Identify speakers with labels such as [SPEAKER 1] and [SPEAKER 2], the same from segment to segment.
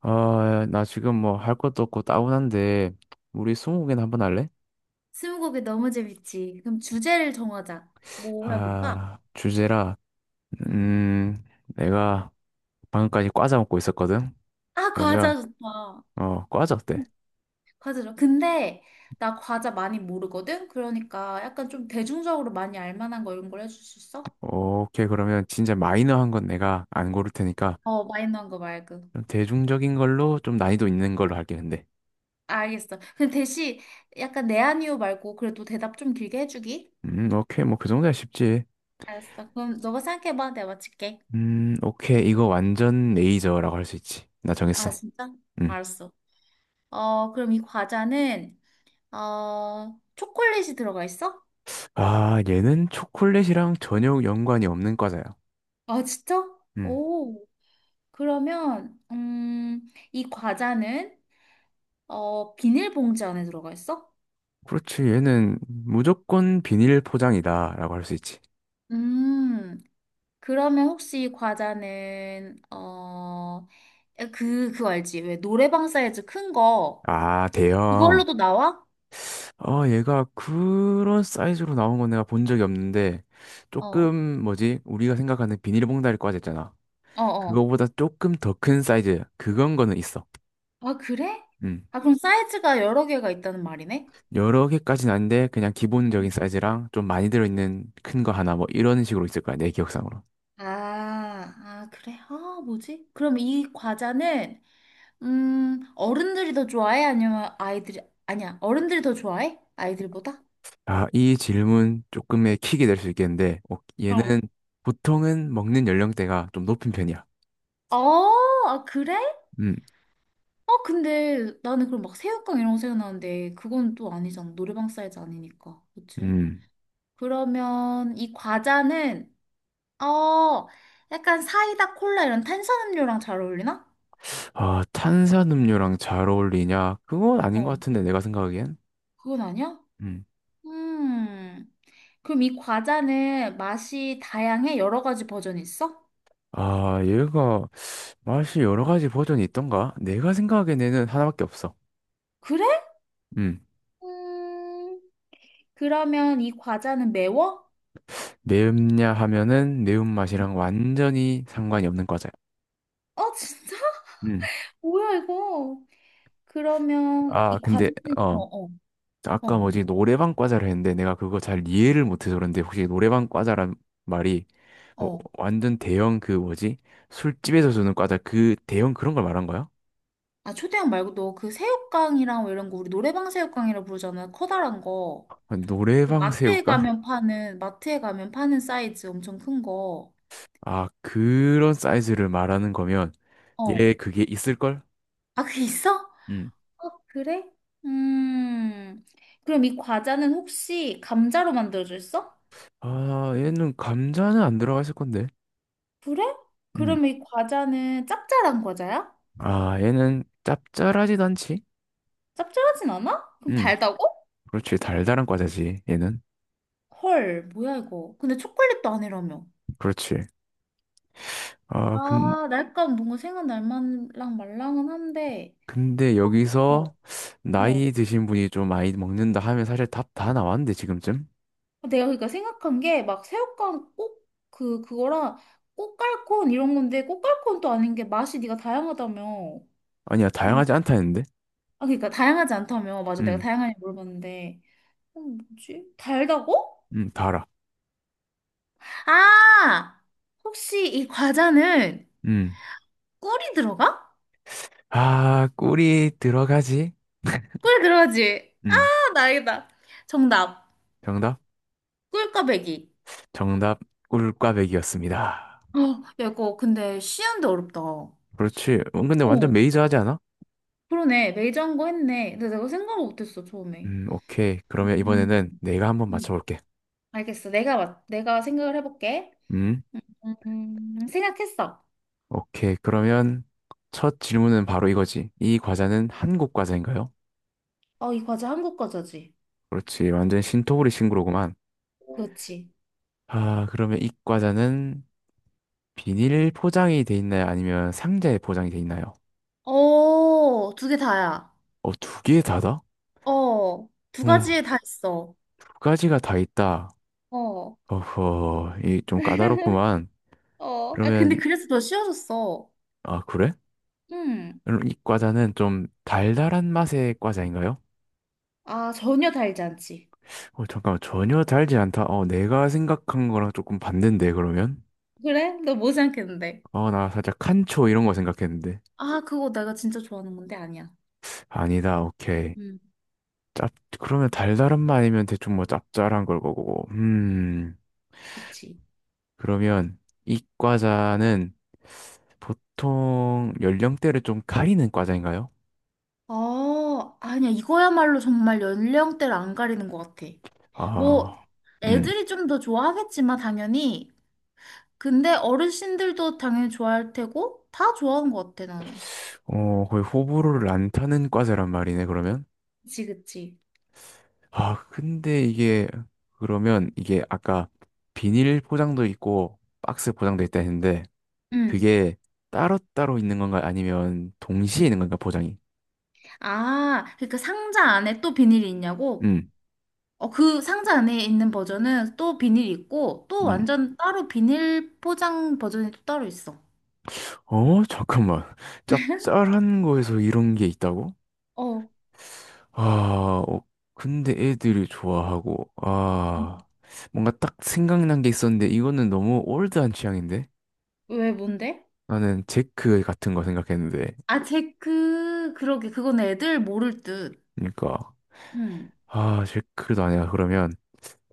[SPEAKER 1] 아, 나 지금 뭐 할 것도 없고 따분한데, 우리 스무고개나 한번 할래?
[SPEAKER 2] 스무고개 너무 재밌지. 그럼 주제를 정하자. 뭐 해볼까?
[SPEAKER 1] 아, 주제라,
[SPEAKER 2] 응.
[SPEAKER 1] 음, 내가 방금까지 과자 먹고 있었거든?
[SPEAKER 2] 아,
[SPEAKER 1] 그러면,
[SPEAKER 2] 과자 좋다.
[SPEAKER 1] 어, 과자 어때?
[SPEAKER 2] 과자 좋아. 근데 나 과자 많이 모르거든? 그러니까 약간 좀 대중적으로 많이 알만한 거 이런 걸 해줄 수 있어?
[SPEAKER 1] 오케이, 그러면 진짜 마이너한 건 내가 안 고를 테니까,
[SPEAKER 2] 어, 마이너한 거 말고.
[SPEAKER 1] 좀 대중적인 걸로 좀 난이도 있는 걸로 할게, 근데.
[SPEAKER 2] 알겠어. 근데 대신 약간 네 아니요 말고 그래도 대답 좀 길게 해주기?
[SPEAKER 1] 오케이, 뭐 그 정도야 쉽지.
[SPEAKER 2] 알았어. 그럼 너가 생각해봐. 내가 맞힐게.
[SPEAKER 1] 오케이, 이거 완전 레이저라고 할 수 있지. 나
[SPEAKER 2] 아,
[SPEAKER 1] 정했어.
[SPEAKER 2] 진짜?
[SPEAKER 1] 음.
[SPEAKER 2] 알았어. 어, 그럼 이 과자는, 어, 초콜릿이 들어가 있어?
[SPEAKER 1] 아, 얘는 초콜릿이랑 전혀 연관이 없는 과자야.
[SPEAKER 2] 아, 진짜?
[SPEAKER 1] 음.
[SPEAKER 2] 오. 그러면 이 과자는 어, 비닐봉지 안에 들어가 있어?
[SPEAKER 1] 그렇지. 얘는 무조건 비닐 포장이다라고 할 수 있지.
[SPEAKER 2] 음, 그러면 혹시 이 과자는 어, 그, 그거 알지? 왜 노래방 사이즈 큰 거,
[SPEAKER 1] 아, 대형.
[SPEAKER 2] 그걸로도 나와?
[SPEAKER 1] 어, 얘가 그런 사이즈로 나온 건 내가 본 적이 없는데,
[SPEAKER 2] 어, 어,
[SPEAKER 1] 조금, 뭐지, 우리가 생각하는 비닐봉다리 과자 있잖아.
[SPEAKER 2] 어.
[SPEAKER 1] 그거보다 조금 더 큰 사이즈. 그건 거는 있어.
[SPEAKER 2] 아, 그래?
[SPEAKER 1] 음.
[SPEAKER 2] 아, 그럼 사이즈가 여러 개가 있다는 말이네?
[SPEAKER 1] 여러 개까지는 아닌데, 그냥 기본적인
[SPEAKER 2] 음.
[SPEAKER 1] 사이즈랑 좀 많이 들어있는 큰 거 하나, 뭐, 이런 식으로 있을 거야, 내 기억상으로.
[SPEAKER 2] 아, 아, 그래? 아, 뭐지? 그럼 이 과자는 어른들이 더 좋아해? 아니면 아이들이, 아니야, 어른들이 더 좋아해? 아이들보다?
[SPEAKER 1] 아, 이 질문 조금의 킥이 될 수 있겠는데, 어, 얘는
[SPEAKER 2] 어.
[SPEAKER 1] 보통은 먹는 연령대가 좀 높은 편이야.
[SPEAKER 2] 아, 아, 그래? 아,
[SPEAKER 1] 음.
[SPEAKER 2] 근데 나는 그럼 막 새우깡 이런 거 생각나는데 그건 또 아니잖아. 노래방 사이즈 아니니까. 그치?
[SPEAKER 1] 음.
[SPEAKER 2] 그러면 이 과자는, 어, 약간 사이다, 콜라 이런 탄산음료랑 잘 어울리나?
[SPEAKER 1] 아, 탄산음료랑 잘 어울리냐? 그건 아닌 것
[SPEAKER 2] 어.
[SPEAKER 1] 같은데, 내가 생각하기엔.
[SPEAKER 2] 그건 아니야?
[SPEAKER 1] 음.
[SPEAKER 2] 음. 그럼 이 과자는 맛이 다양해? 여러 가지 버전이 있어?
[SPEAKER 1] 아, 얘가 맛이 여러 가지 버전이 있던가? 내가 생각하기엔 얘는 하나밖에 없어.
[SPEAKER 2] 그래?
[SPEAKER 1] 음.
[SPEAKER 2] 음. 그러면 이 과자는 매워?
[SPEAKER 1] 매운냐 하면은 매운맛이랑 완전히 상관이 없는 과자야.
[SPEAKER 2] 어, 진짜?
[SPEAKER 1] 음.
[SPEAKER 2] 뭐야, 이거? 그러면
[SPEAKER 1] 아,
[SPEAKER 2] 이
[SPEAKER 1] 근데,
[SPEAKER 2] 과자는,
[SPEAKER 1] 어.
[SPEAKER 2] 어어. 어,
[SPEAKER 1] 아까
[SPEAKER 2] 뭐,
[SPEAKER 1] 뭐지, 노래방 과자를 했는데 내가 그거 잘 이해를 못해서 그런데 혹시 노래방 과자란 말이 뭐
[SPEAKER 2] 어.
[SPEAKER 1] 완전 대형 그 뭐지? 술집에서 주는 과자 그 대형 그런 걸 말한 거야?
[SPEAKER 2] 아, 초대형 말고도 그 새우깡이랑 뭐 이런 거 우리 노래방 새우깡이라고 부르잖아. 커다란 거. 그
[SPEAKER 1] 노래방
[SPEAKER 2] 마트에
[SPEAKER 1] 새우깡?
[SPEAKER 2] 가면 파는, 마트에 가면 파는 사이즈 엄청 큰 거.
[SPEAKER 1] 아, 그런 사이즈를 말하는 거면
[SPEAKER 2] 어.
[SPEAKER 1] 얘 그게 있을걸?
[SPEAKER 2] 아, 그게 있어? 어,
[SPEAKER 1] 음.
[SPEAKER 2] 그래? 음. 그럼 이 과자는 혹시 감자로 만들어졌어?
[SPEAKER 1] 아, 얘는 감자는 안 들어가 있을 건데.
[SPEAKER 2] 그래?
[SPEAKER 1] 음.
[SPEAKER 2] 그럼 이 과자는 짭짤한 과자야?
[SPEAKER 1] 아, 얘는 짭짤하지도 않지?
[SPEAKER 2] 짭짤하진 않아? 그럼
[SPEAKER 1] 음.
[SPEAKER 2] 달다고?
[SPEAKER 1] 그렇지. 달달한 과자지, 얘는.
[SPEAKER 2] 헐, 뭐야 이거. 근데 초콜릿도 아니라며.
[SPEAKER 1] 그렇지. 아, 근,
[SPEAKER 2] 아, 날감 뭔가 생각 날만랑 말랑은 한데.
[SPEAKER 1] 근데
[SPEAKER 2] 어,
[SPEAKER 1] 여기서
[SPEAKER 2] 어.
[SPEAKER 1] 나이 드신 분이 좀 많이 먹는다 하면 사실 답 다 나왔는데, 지금쯤?
[SPEAKER 2] 내가 그러니까 생각한 게 막 새우깡 꼭 그거랑 꼬깔콘 이런 건데 꼬깔콘도 아닌 게 맛이 네가 다양하다며. 뭐,
[SPEAKER 1] 아니야, 다양하지 않다 했는데?
[SPEAKER 2] 아 그러니까 다양하지 않다며. 맞아. 내가
[SPEAKER 1] 음.
[SPEAKER 2] 다양하게 물어봤는데. 어, 뭐지? 달다고?
[SPEAKER 1] 다 알아.
[SPEAKER 2] 아! 혹시 이 과자는
[SPEAKER 1] 음.
[SPEAKER 2] 꿀이 들어가?
[SPEAKER 1] 아, 꿀이 들어가지?
[SPEAKER 2] 꿀 들어가지? 아,
[SPEAKER 1] 음.
[SPEAKER 2] 나 알겠다. 정답.
[SPEAKER 1] 정답?
[SPEAKER 2] 꿀꽈배기.
[SPEAKER 1] 정답, 꿀꽈배기였습니다.
[SPEAKER 2] 어, 야, 이거 근데 쉬운데 어렵다. 어,
[SPEAKER 1] 그렇지. 근데 완전 메이저하지 않아?
[SPEAKER 2] 그러네. 매장고 했네. 근데 내가 생각을 못했어, 처음에.
[SPEAKER 1] 오케이. 그러면
[SPEAKER 2] 음,
[SPEAKER 1] 이번에는 내가 한번
[SPEAKER 2] 음.
[SPEAKER 1] 맞춰볼게.
[SPEAKER 2] 알겠어. 내가 생각을 해볼게.
[SPEAKER 1] 음,
[SPEAKER 2] 생각했어.
[SPEAKER 1] 오케이. 그러면 첫 질문은 바로 이거지. 이 과자는 한국 과자인가요?
[SPEAKER 2] 어, 이 과자 한국 과자지.
[SPEAKER 1] 그렇지. 완전 신토부리 신구로구만.
[SPEAKER 2] 그렇지.
[SPEAKER 1] 아, 그러면 이 과자는 비닐 포장이 돼 있나요? 아니면 상자에 포장이 돼 있나요?
[SPEAKER 2] 어, 두 개 다야.
[SPEAKER 1] 어, 두 개 다다?
[SPEAKER 2] 어, 두
[SPEAKER 1] 어,
[SPEAKER 2] 가지에 다 있어.
[SPEAKER 1] 두 가지가 다 있다.
[SPEAKER 2] 어, 어,
[SPEAKER 1] 어허, 이 좀 까다롭구만.
[SPEAKER 2] 아, 근데
[SPEAKER 1] 그러면,
[SPEAKER 2] 그래서 더 쉬워졌어.
[SPEAKER 1] 아, 그래?
[SPEAKER 2] 음.
[SPEAKER 1] 그럼 이 과자는 좀 달달한 맛의 과자인가요?
[SPEAKER 2] 아, 전혀 달지 않지.
[SPEAKER 1] 어, 잠깐만, 전혀 달지 않다. 어, 내가 생각한 거랑 조금 반대인데, 그러면?
[SPEAKER 2] 그래? 너 뭐 생각했는데.
[SPEAKER 1] 어, 나 살짝 칸초 이런 거 생각했는데.
[SPEAKER 2] 아, 그거 내가 진짜 좋아하는 건데 아니야.
[SPEAKER 1] 아니다, 오케이.
[SPEAKER 2] 음,
[SPEAKER 1] 짭, 그러면 달달한 맛이면 대충 뭐 짭짤한 걸 거고.
[SPEAKER 2] 그치.
[SPEAKER 1] 그러면 이 과자는 보통 연령대를 좀 가리는 과자인가요?
[SPEAKER 2] 아, 아니야. 이거야말로 정말 연령대를 안 가리는 것 같아. 뭐,
[SPEAKER 1] 아, 음.
[SPEAKER 2] 애들이 좀 더 좋아하겠지만, 당연히. 근데 어르신들도 당연히 좋아할 테고, 다 좋아하는 것 같아, 나는.
[SPEAKER 1] 어, 거의 호불호를 안 타는 과자란 말이네, 그러면?
[SPEAKER 2] 그치, 그치.
[SPEAKER 1] 아, 근데 이게 그러면 이게 아까 비닐 포장도 있고 박스 포장도 있다 했는데
[SPEAKER 2] 응.
[SPEAKER 1] 그게 따로따로 있는 건가 아니면 동시에 있는 건가 포장이?
[SPEAKER 2] 아, 그러니까 상자 안에 또 비닐이 있냐고?
[SPEAKER 1] 음.
[SPEAKER 2] 어, 그 상자 안에 있는 버전은 또 비닐이 있고, 또
[SPEAKER 1] 음.
[SPEAKER 2] 완전 따로 비닐 포장 버전이 또 따로 있어.
[SPEAKER 1] 어, 잠깐만. 짭짤한 거에서 이런 게 있다고?
[SPEAKER 2] 어,
[SPEAKER 1] 아, 어, 근데 애들이 좋아하고 아,
[SPEAKER 2] 음.
[SPEAKER 1] 뭔가 딱 생각난 게 있었는데 이거는 너무 올드한 취향인데?
[SPEAKER 2] 왜, 뭔데?
[SPEAKER 1] 나는 제크 같은 거 생각했는데.
[SPEAKER 2] 아, 제 그, 그러게. 그건 애들 모를 듯.
[SPEAKER 1] 그러니까
[SPEAKER 2] 응.
[SPEAKER 1] 아, 제크도 아니야. 그러면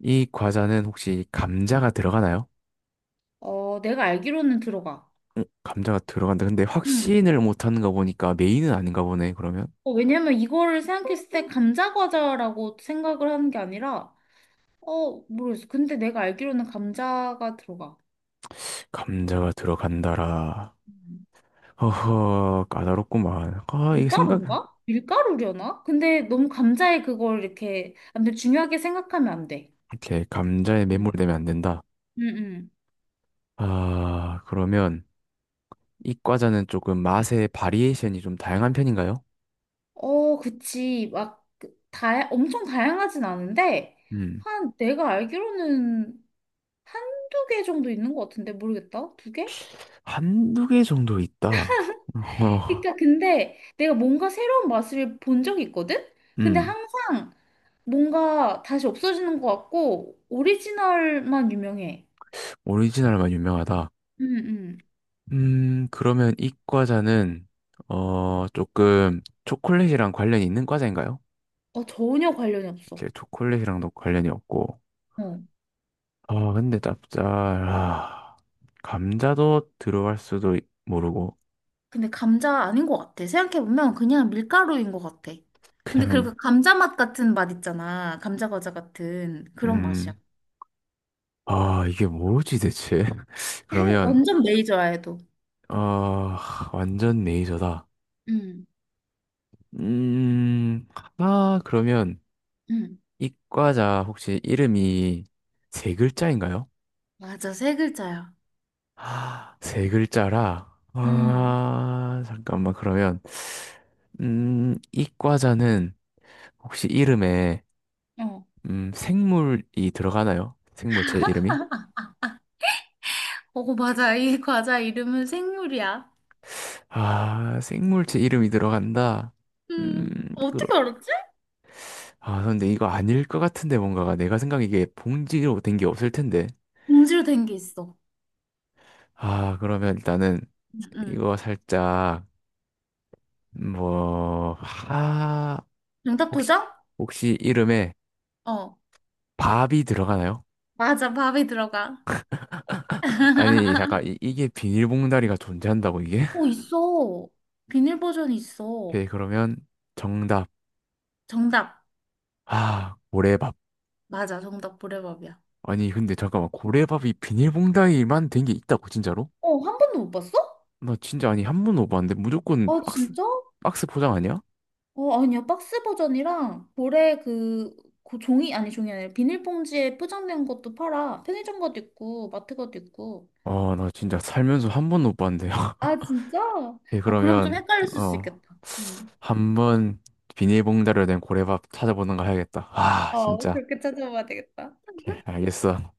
[SPEAKER 1] 이 과자는 혹시 감자가 들어가나요?
[SPEAKER 2] 어, 내가 알기로는 들어가.
[SPEAKER 1] 응, 감자가 들어간다. 근데
[SPEAKER 2] 응.
[SPEAKER 1] 확신을 못하는 거 보니까 메인은 아닌가 보네, 그러면.
[SPEAKER 2] 어, 왜냐면 이거를 생각했을 때 감자 과자라고 생각을 하는 게 아니라, 어, 모르겠어. 근데 내가 알기로는 감자가 들어가.
[SPEAKER 1] 감자가 들어간다라.
[SPEAKER 2] 음.
[SPEAKER 1] 허허, 까다롭구만. 아, 이게 생각,
[SPEAKER 2] 밀가루인가? 밀가루려나? 근데 너무 감자에 그걸 이렇게, 아무튼 중요하게 생각하면 안 돼.
[SPEAKER 1] 이렇게 감자에 매몰되면 안 된다.
[SPEAKER 2] 음. 응, 응.
[SPEAKER 1] 아, 그러면 이 과자는 조금 맛의 바리에이션이 좀 다양한 편인가요?
[SPEAKER 2] 어, 그치. 막, 그 다, 엄청 다양하진 않은데,
[SPEAKER 1] 음,
[SPEAKER 2] 한, 내가 알기로는 한두 개 정도 있는 것 같은데, 모르겠다. 두 개?
[SPEAKER 1] 한두 개 정도 있다. 어,
[SPEAKER 2] 그러니까 근데 내가 뭔가 새로운 맛을 본 적이 있거든? 근데
[SPEAKER 1] 음,
[SPEAKER 2] 항상 뭔가 다시 없어지는 것 같고 오리지널만 유명해.
[SPEAKER 1] 오리지널만 유명하다.
[SPEAKER 2] 응응.
[SPEAKER 1] 그러면 이 과자는, 어, 조금 초콜릿이랑 관련이 있는 과자인가요?
[SPEAKER 2] 어, 전혀 관련이 없어.
[SPEAKER 1] 이렇게 초콜릿이랑도 관련이 없고.
[SPEAKER 2] 어.
[SPEAKER 1] 아, 근데 짭짤 아, 감자도 들어갈 수도 모르고,
[SPEAKER 2] 근데 감자 아닌 것 같아. 생각해보면 그냥 밀가루인 것 같아. 근데
[SPEAKER 1] 그냥,
[SPEAKER 2] 그리고 감자 맛 같은 맛 있잖아. 감자 과자 같은 그런 맛이야.
[SPEAKER 1] 음, 아, 이게 뭐지 대체? 그러면,
[SPEAKER 2] 완전 메이저야, 해도.
[SPEAKER 1] 어, 완전 메이저다.
[SPEAKER 2] 응.
[SPEAKER 1] 음, 아, 그러면
[SPEAKER 2] 응.
[SPEAKER 1] 이 과자 혹시 이름이 세 글자인가요?
[SPEAKER 2] 맞아, 세 글자야.
[SPEAKER 1] 아 세 글자라.
[SPEAKER 2] 응.
[SPEAKER 1] 아, 잠깐만, 그러면, 이 과자는 혹시 이름에,
[SPEAKER 2] 어.
[SPEAKER 1] 생물이 들어가나요? 생물체 이름이?
[SPEAKER 2] 어, 맞아. 이 과자 이름은 생물이야.
[SPEAKER 1] 아, 생물체 이름이 들어간다. 음, 그러,
[SPEAKER 2] 어떻게 알았지?
[SPEAKER 1] 아, 근데 이거 아닐 것 같은데, 뭔가가. 내가 생각하 이게 봉지로 된 게 없을 텐데.
[SPEAKER 2] 봉지로 된 게 있어.
[SPEAKER 1] 아, 그러면 일단은
[SPEAKER 2] 응, 응.
[SPEAKER 1] 이거 살짝, 뭐, 아,
[SPEAKER 2] 정답
[SPEAKER 1] 혹시,
[SPEAKER 2] 도전?
[SPEAKER 1] 혹시 이름에
[SPEAKER 2] 어,
[SPEAKER 1] 밥이 들어가나요?
[SPEAKER 2] 맞아. 밥이 들어가.
[SPEAKER 1] 아니 잠깐 이게 비닐봉다리가 존재한다고 이게?
[SPEAKER 2] 어, 있어. 비닐 버전이 있어.
[SPEAKER 1] 오케이 그러면 정답.
[SPEAKER 2] 정답.
[SPEAKER 1] 아 고래밥.
[SPEAKER 2] 맞아. 정답 보레밥이야.
[SPEAKER 1] 아니 근데 잠깐만 고래밥이 비닐봉다리만 된 게 있다고 진짜로?
[SPEAKER 2] 어, 한 번도 못 봤어?
[SPEAKER 1] 나 진짜 아니 한 번도 못 봤는데 무조건
[SPEAKER 2] 아,
[SPEAKER 1] 박스
[SPEAKER 2] 진짜?
[SPEAKER 1] 박스 포장 아니야?
[SPEAKER 2] 어, 아니야. 박스 버전이랑 보레 그, 그 종이, 아니 종이 아니라 비닐봉지에 포장된 것도 팔아. 편의점 것도 있고, 마트 것도 있고.
[SPEAKER 1] 어 나 진짜 살면서 한 번도 못 봤는데요
[SPEAKER 2] 아, 진짜?
[SPEAKER 1] 오케이
[SPEAKER 2] 아, 그럼 좀
[SPEAKER 1] 그러면
[SPEAKER 2] 헷갈렸을 수
[SPEAKER 1] 어
[SPEAKER 2] 있겠다. 음.
[SPEAKER 1] 한번 비닐봉다리로 된 고래밥 찾아보는 거 해야겠다 아
[SPEAKER 2] 어,
[SPEAKER 1] 진짜.
[SPEAKER 2] 그렇게 찾아봐야 되겠다.
[SPEAKER 1] 오케이 알겠어.